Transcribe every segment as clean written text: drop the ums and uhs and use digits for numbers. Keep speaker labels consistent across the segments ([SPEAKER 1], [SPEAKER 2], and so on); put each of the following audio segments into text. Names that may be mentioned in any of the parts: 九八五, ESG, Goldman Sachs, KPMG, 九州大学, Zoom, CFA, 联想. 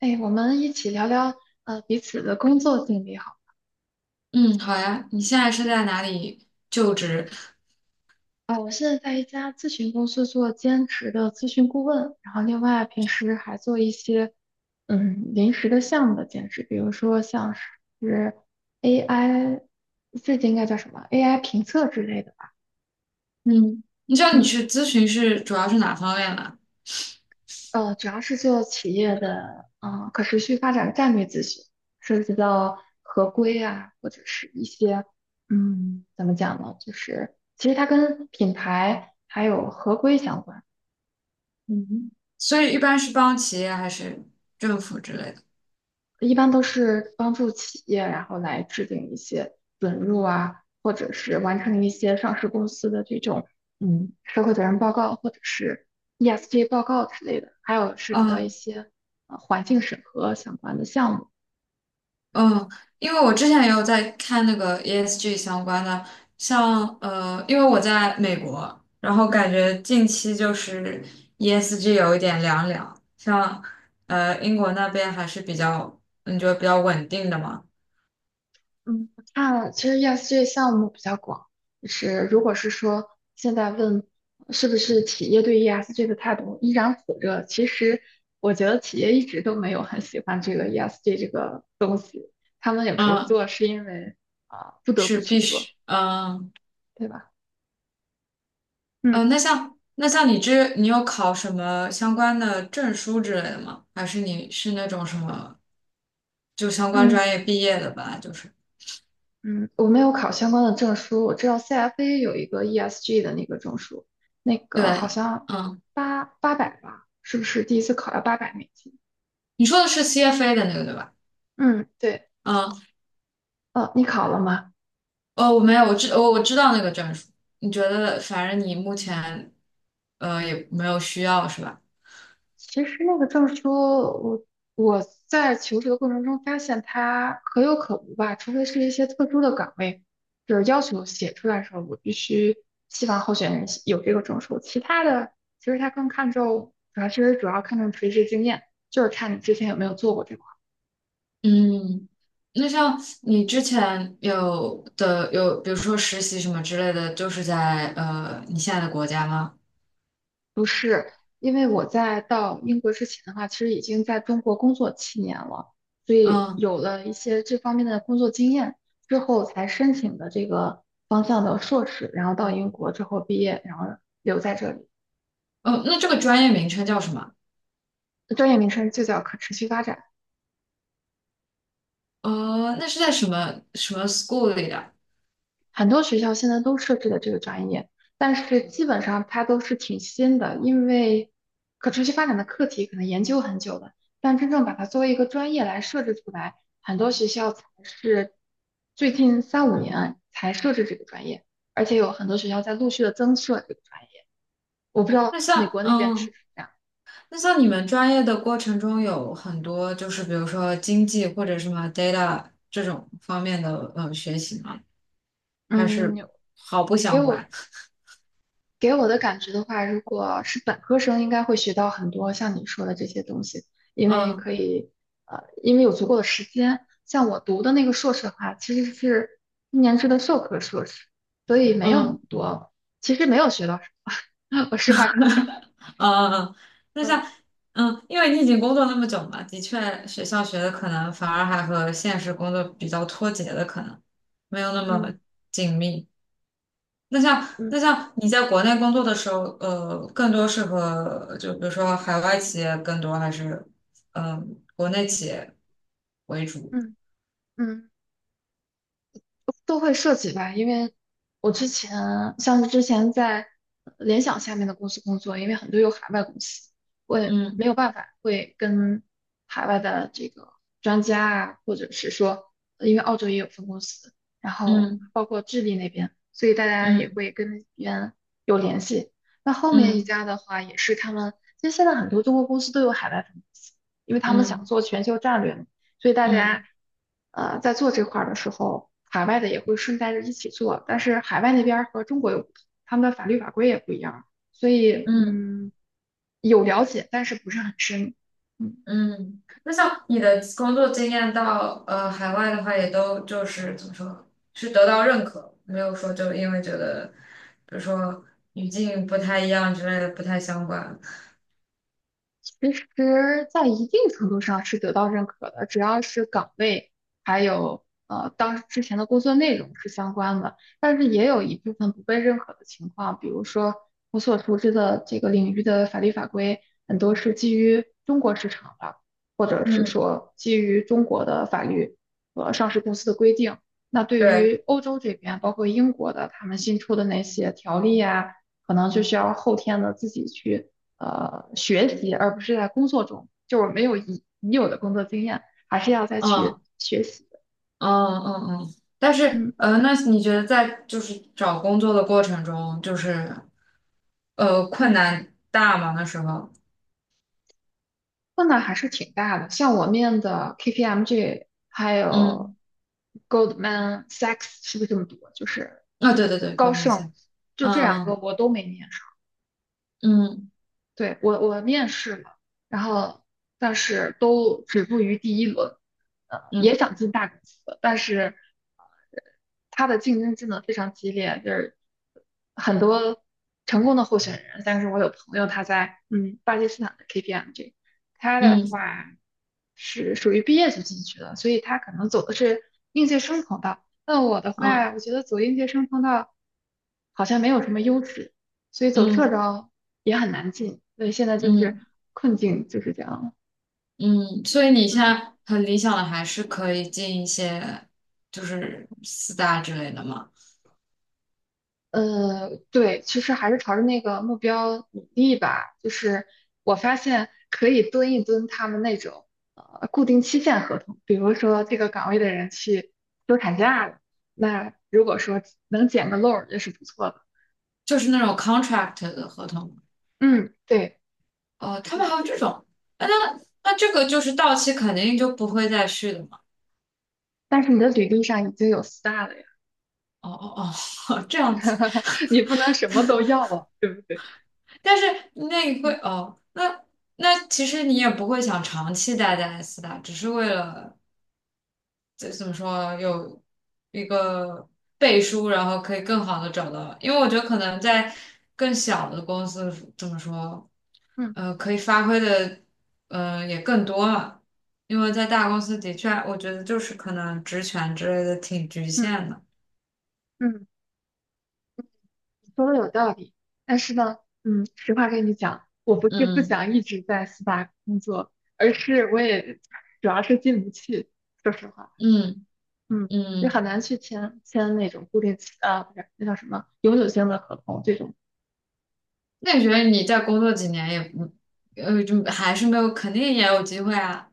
[SPEAKER 1] 哎，我们一起聊聊彼此的工作经历好。
[SPEAKER 2] 嗯，好呀。你现在是在哪里就职？
[SPEAKER 1] 啊，我现在在一家咨询公司做兼职的咨询顾问，然后另外平时还做一些临时的项目的兼职，比如说像是 AI，这应该叫什么 AI 评测之类的吧。
[SPEAKER 2] 嗯，你知道你
[SPEAKER 1] 嗯。
[SPEAKER 2] 去咨询是主要是哪方面吗？
[SPEAKER 1] 主要是做企业的可持续发展战略咨询，涉及到合规啊，或者是一些怎么讲呢？就是其实它跟品牌还有合规相关，
[SPEAKER 2] 嗯，所以一般是帮企业还是政府之类的？
[SPEAKER 1] 一般都是帮助企业然后来制定一些准入啊，或者是完成一些上市公司的这种社会责任报告或者是 ESG 报告之类的，还有涉及到一
[SPEAKER 2] 嗯
[SPEAKER 1] 些环境审核相关的项目。
[SPEAKER 2] 嗯。因为我之前也有在看那个 ESG 相关的，因为我在美国，然后
[SPEAKER 1] 嗯。
[SPEAKER 2] 感觉近期就是 ESG 有一点凉凉，英国那边还是比较，你觉得比较稳定的嘛？
[SPEAKER 1] 嗯，看，其实 ESG 项目比较广，就是如果是说现在问是不是企业对 ESG 的态度依然火热，其实我觉得企业一直都没有很喜欢这个 ESG 这个东西，他们有时候
[SPEAKER 2] 嗯，
[SPEAKER 1] 做是因为啊、不得不
[SPEAKER 2] 是
[SPEAKER 1] 去
[SPEAKER 2] 必须，
[SPEAKER 1] 做，
[SPEAKER 2] 嗯。
[SPEAKER 1] 对吧？嗯
[SPEAKER 2] 呃，那像那像你这，你有考什么相关的证书之类的吗？还是你是那种什么就相关
[SPEAKER 1] 嗯
[SPEAKER 2] 专业毕业的吧？就是
[SPEAKER 1] 嗯，我没有考相关的证书，我知道 CFA 有一个 ESG 的那个证书，那个好
[SPEAKER 2] 对。
[SPEAKER 1] 像
[SPEAKER 2] 嗯，
[SPEAKER 1] 八百吧，是不是第一次考要800美金？
[SPEAKER 2] 你说的是 CFA 的那个对吧？
[SPEAKER 1] 嗯，对，
[SPEAKER 2] 嗯。
[SPEAKER 1] 哦，你考了吗？
[SPEAKER 2] 哦，我没有，我知道那个证书。你觉得反正你目前也没有需要是吧？
[SPEAKER 1] 其实那个证书，我在求职的过程中发现它可有可无吧，除非是一些特殊的岗位，就是要求写出来的时候，我必须希望候选人写有这个证书。其他的，其实它更看重，主要其实主要看重垂直经验，就是看你之前有没有做过这块。
[SPEAKER 2] 嗯，那像你之前有的有，比如说实习什么之类的，就是在你现在的国家吗？
[SPEAKER 1] 不是，因为我在到英国之前的话，其实已经在中国工作7年了，所以
[SPEAKER 2] 嗯。
[SPEAKER 1] 有了一些这方面的工作经验之后，才申请的这个方向的硕士，然后到英国之后毕业，然后留在这里。
[SPEAKER 2] 哦，那这个专业名称叫什么？
[SPEAKER 1] 专业名称就叫可持续发展。
[SPEAKER 2] 哦，那是在什么什么 school 里的？
[SPEAKER 1] 很多学校现在都设置了这个专业，但是基本上它都是挺新的，因为可持续发展的课题可能研究很久了，但真正把它作为一个专业来设置出来，很多学校才是最近三五年才设置这个专业，而且有很多学校在陆续的增设这个专业。我不知道
[SPEAKER 2] 那
[SPEAKER 1] 美
[SPEAKER 2] 像
[SPEAKER 1] 国那边是
[SPEAKER 2] 嗯，
[SPEAKER 1] 不是这样。
[SPEAKER 2] 那像你们专业的过程中有很多就是比如说经济或者什么 data 这种方面的学习吗？还
[SPEAKER 1] 嗯，
[SPEAKER 2] 是毫不
[SPEAKER 1] 给
[SPEAKER 2] 相关？
[SPEAKER 1] 我。给我的感觉的话，如果是本科生，应该会学到很多像你说的这些东西，因为可
[SPEAKER 2] 嗯。
[SPEAKER 1] 以，因为有足够的时间。像我读的那个硕士的话，其实是一年制的授课硕士，所以没
[SPEAKER 2] 嗯
[SPEAKER 1] 有那么
[SPEAKER 2] 嗯
[SPEAKER 1] 多，其实没有学到什么。我实话跟你讲，
[SPEAKER 2] 嗯，嗯那像
[SPEAKER 1] 嗯
[SPEAKER 2] 嗯，因为你已经工作那么久嘛，的确学校学的可能反而还和现实工作比较脱节的，可能没有那么
[SPEAKER 1] 嗯
[SPEAKER 2] 紧密。那像那
[SPEAKER 1] 嗯
[SPEAKER 2] 像你在国内工作的时候，呃，更多是和就比如说海外企业更多，还是嗯、呃国内企业为主？
[SPEAKER 1] 嗯嗯。都会涉及吧，因为我之前像是之前在联想下面的公司工作，因为很多有海外公司，我也没
[SPEAKER 2] 嗯。
[SPEAKER 1] 有办法会跟海外的这个专家啊，或者是说，因为澳洲也有分公司，然后
[SPEAKER 2] 嗯
[SPEAKER 1] 包括智利那边，所以大家也
[SPEAKER 2] 嗯
[SPEAKER 1] 会跟那边有联系。那后面一
[SPEAKER 2] 嗯
[SPEAKER 1] 家的话，也是他们，其实现在很多中国公司都有海外分公司，因为他们想
[SPEAKER 2] 嗯
[SPEAKER 1] 做全球战略嘛。所以大家
[SPEAKER 2] 嗯
[SPEAKER 1] 在做这块儿的时候，海外的也会顺带着一起做，但是海外那边儿和中国有不同，他们的法律法规也不一样，所以
[SPEAKER 2] 嗯
[SPEAKER 1] 有了解，但是不是很深。嗯。
[SPEAKER 2] 嗯。那像你的工作经验到海外的话，也都就是怎么说，是得到认可，没有说就因为觉得，比如说语境不太一样之类的，不太相关。
[SPEAKER 1] 其实，在一定程度上是得到认可的，只要是岗位还有当之前的工作内容是相关的，但是也有一部分不被认可的情况，比如说我所熟知的这个领域的法律法规很多是基于中国市场的，或者是
[SPEAKER 2] 嗯，
[SPEAKER 1] 说基于中国的法律和上市公司的规定。那对
[SPEAKER 2] 对，
[SPEAKER 1] 于欧洲这边，包括英国的，他们新出的那些条例啊，可能就需要后天的自己去，学习，而不是在工作中，就是没有已有的工作经验，还是要再去
[SPEAKER 2] 嗯。
[SPEAKER 1] 学习的。
[SPEAKER 2] 嗯。嗯嗯，但是
[SPEAKER 1] 嗯
[SPEAKER 2] 呃，那你觉得在就是找工作的过程中，就是困
[SPEAKER 1] 嗯，
[SPEAKER 2] 难大吗？那时候，
[SPEAKER 1] 困难还是挺大的。像我面的 KPMG 还有
[SPEAKER 2] 嗯。
[SPEAKER 1] Goldman Sachs 是不是这么读啊就是
[SPEAKER 2] 对对对，
[SPEAKER 1] 高
[SPEAKER 2] 高分
[SPEAKER 1] 盛，
[SPEAKER 2] 线。
[SPEAKER 1] 就这两个
[SPEAKER 2] 嗯
[SPEAKER 1] 我都没面。
[SPEAKER 2] 嗯
[SPEAKER 1] 对，我面试了，然后但是都止步于第一轮，也
[SPEAKER 2] 嗯
[SPEAKER 1] 想进大公司，但是它的竞争真的非常激烈，就是很多成功的候选人，但是我有朋友他在巴基斯坦的 KPMG，他的
[SPEAKER 2] 嗯
[SPEAKER 1] 话是属于毕业就进去了，所以他可能走的是应届生通道。那我的话，
[SPEAKER 2] 嗯
[SPEAKER 1] 我觉得走应届生通道好像没有什么优势，所以走社
[SPEAKER 2] 嗯
[SPEAKER 1] 招也很难进，所以现在就是
[SPEAKER 2] 嗯
[SPEAKER 1] 困境就是这样。
[SPEAKER 2] 嗯。嗯，所以你现
[SPEAKER 1] 嗯
[SPEAKER 2] 在很理想的还是可以进一些就是四大之类的嘛。
[SPEAKER 1] 呃，对，其实还是朝着那个目标努力吧。就是我发现可以蹲一蹲他们那种固定期限合同，比如说这个岗位的人去休产假了，那如果说能捡个漏儿也是不错的。
[SPEAKER 2] 就是那种 contract 的合同。
[SPEAKER 1] 嗯，对，
[SPEAKER 2] 哦、他
[SPEAKER 1] 对
[SPEAKER 2] 们还有
[SPEAKER 1] 的。
[SPEAKER 2] 这种。那那这个就是到期肯定就不会再续的嘛。
[SPEAKER 1] 但是你的履历上已经有 star 了呀，
[SPEAKER 2] 哦哦哦，这样子。
[SPEAKER 1] 你不能什么都要啊，对不对？
[SPEAKER 2] 但是那你会
[SPEAKER 1] 嗯
[SPEAKER 2] 哦，那那其实你也不会想长期待在斯大，只是为了就怎么说有一个背书，然后可以更好的找到。因为我觉得可能在更小的公司怎么说，
[SPEAKER 1] 嗯
[SPEAKER 2] 呃，可以发挥的也更多嘛。因为在大公司的确，我觉得就是可能职权之类的挺局
[SPEAKER 1] 嗯
[SPEAKER 2] 限的。
[SPEAKER 1] 嗯。说的有道理，但是呢，实话跟你讲，我不是不
[SPEAKER 2] 嗯。
[SPEAKER 1] 想一直在四大工作，而是我也主要是进不去，说实话，
[SPEAKER 2] 嗯
[SPEAKER 1] 嗯，也
[SPEAKER 2] 嗯。
[SPEAKER 1] 很难去签签那种固定期啊，不是那叫什么永久性的合同这种，
[SPEAKER 2] 那你觉得你再工作几年也不，呃，就还是没有，肯定也有机会啊。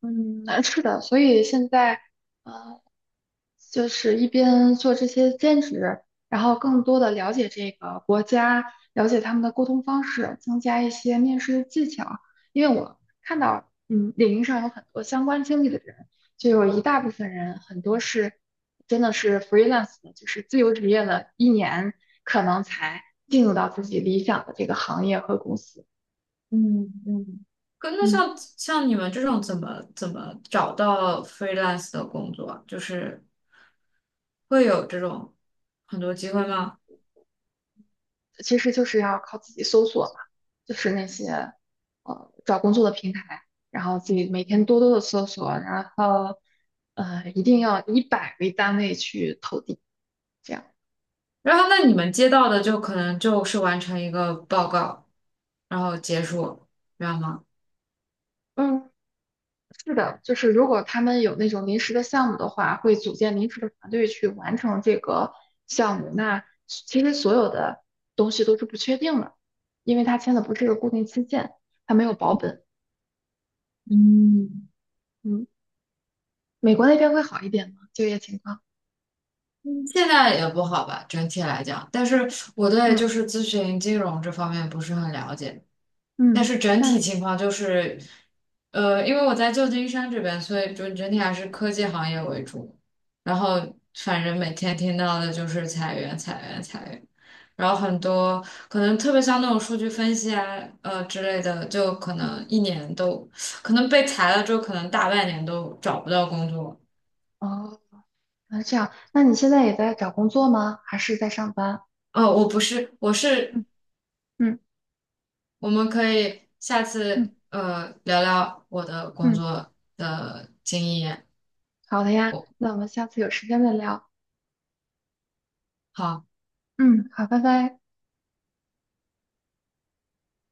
[SPEAKER 1] 嗯，难处的。所以现在，呃，就是一边做这些兼职，然后更多的了解这个国家，了解他们的沟通方式，增加一些面试的技巧。因为我看到，领域上有很多相关经历的人，就有一大部分人，很多是真的是 freelance 的，就是自由职业了一年，可能才进入到自己理想的这个行业和公司。
[SPEAKER 2] 嗯嗯。可那
[SPEAKER 1] 嗯。
[SPEAKER 2] 像像你们这种怎么怎么找到 freelance 的工作啊就是会有这种很多机会吗？
[SPEAKER 1] 其实就是要靠自己搜索嘛，就是那些找工作的平台，然后自己每天多多的搜索，然后一定要以百为单位去投递，这样。
[SPEAKER 2] 然后那你们接到的就可能就是完成一个报告，然后结束，这样吗？
[SPEAKER 1] 嗯，是的，就是如果他们有那种临时的项目的话，会组建临时的团队去完成这个项目。那其实所有的东西都是不确定的，因为他签的不是个固定期限，他没有保本。
[SPEAKER 2] 嗯
[SPEAKER 1] 嗯，美国那边会好一点吗？就业情况？
[SPEAKER 2] 嗯，现在也不好吧，整体来讲。但是我对就
[SPEAKER 1] 嗯。
[SPEAKER 2] 是咨询金融这方面不是很了解。但
[SPEAKER 1] 嗯，
[SPEAKER 2] 是整体
[SPEAKER 1] 那
[SPEAKER 2] 情况就是，呃，因为我在旧金山这边，所以就整体还是科技行业为主。然后反正每天听到的就是裁员、裁员、裁员。然后很多可能特别像那种数据分析啊，之类的，就可
[SPEAKER 1] 嗯
[SPEAKER 2] 能一年都，可能被裁了之后，可能大半年都找不到工作。
[SPEAKER 1] 哦，那这样，那你现在也在找工作吗？还是在上班？
[SPEAKER 2] 哦，我不是，我是，
[SPEAKER 1] 嗯嗯
[SPEAKER 2] 我们可以下
[SPEAKER 1] 嗯
[SPEAKER 2] 次聊聊我的工
[SPEAKER 1] 嗯，
[SPEAKER 2] 作的经验。
[SPEAKER 1] 好的呀，
[SPEAKER 2] 我
[SPEAKER 1] 那我们下次有时间再聊。
[SPEAKER 2] 好。
[SPEAKER 1] 嗯，好，拜拜。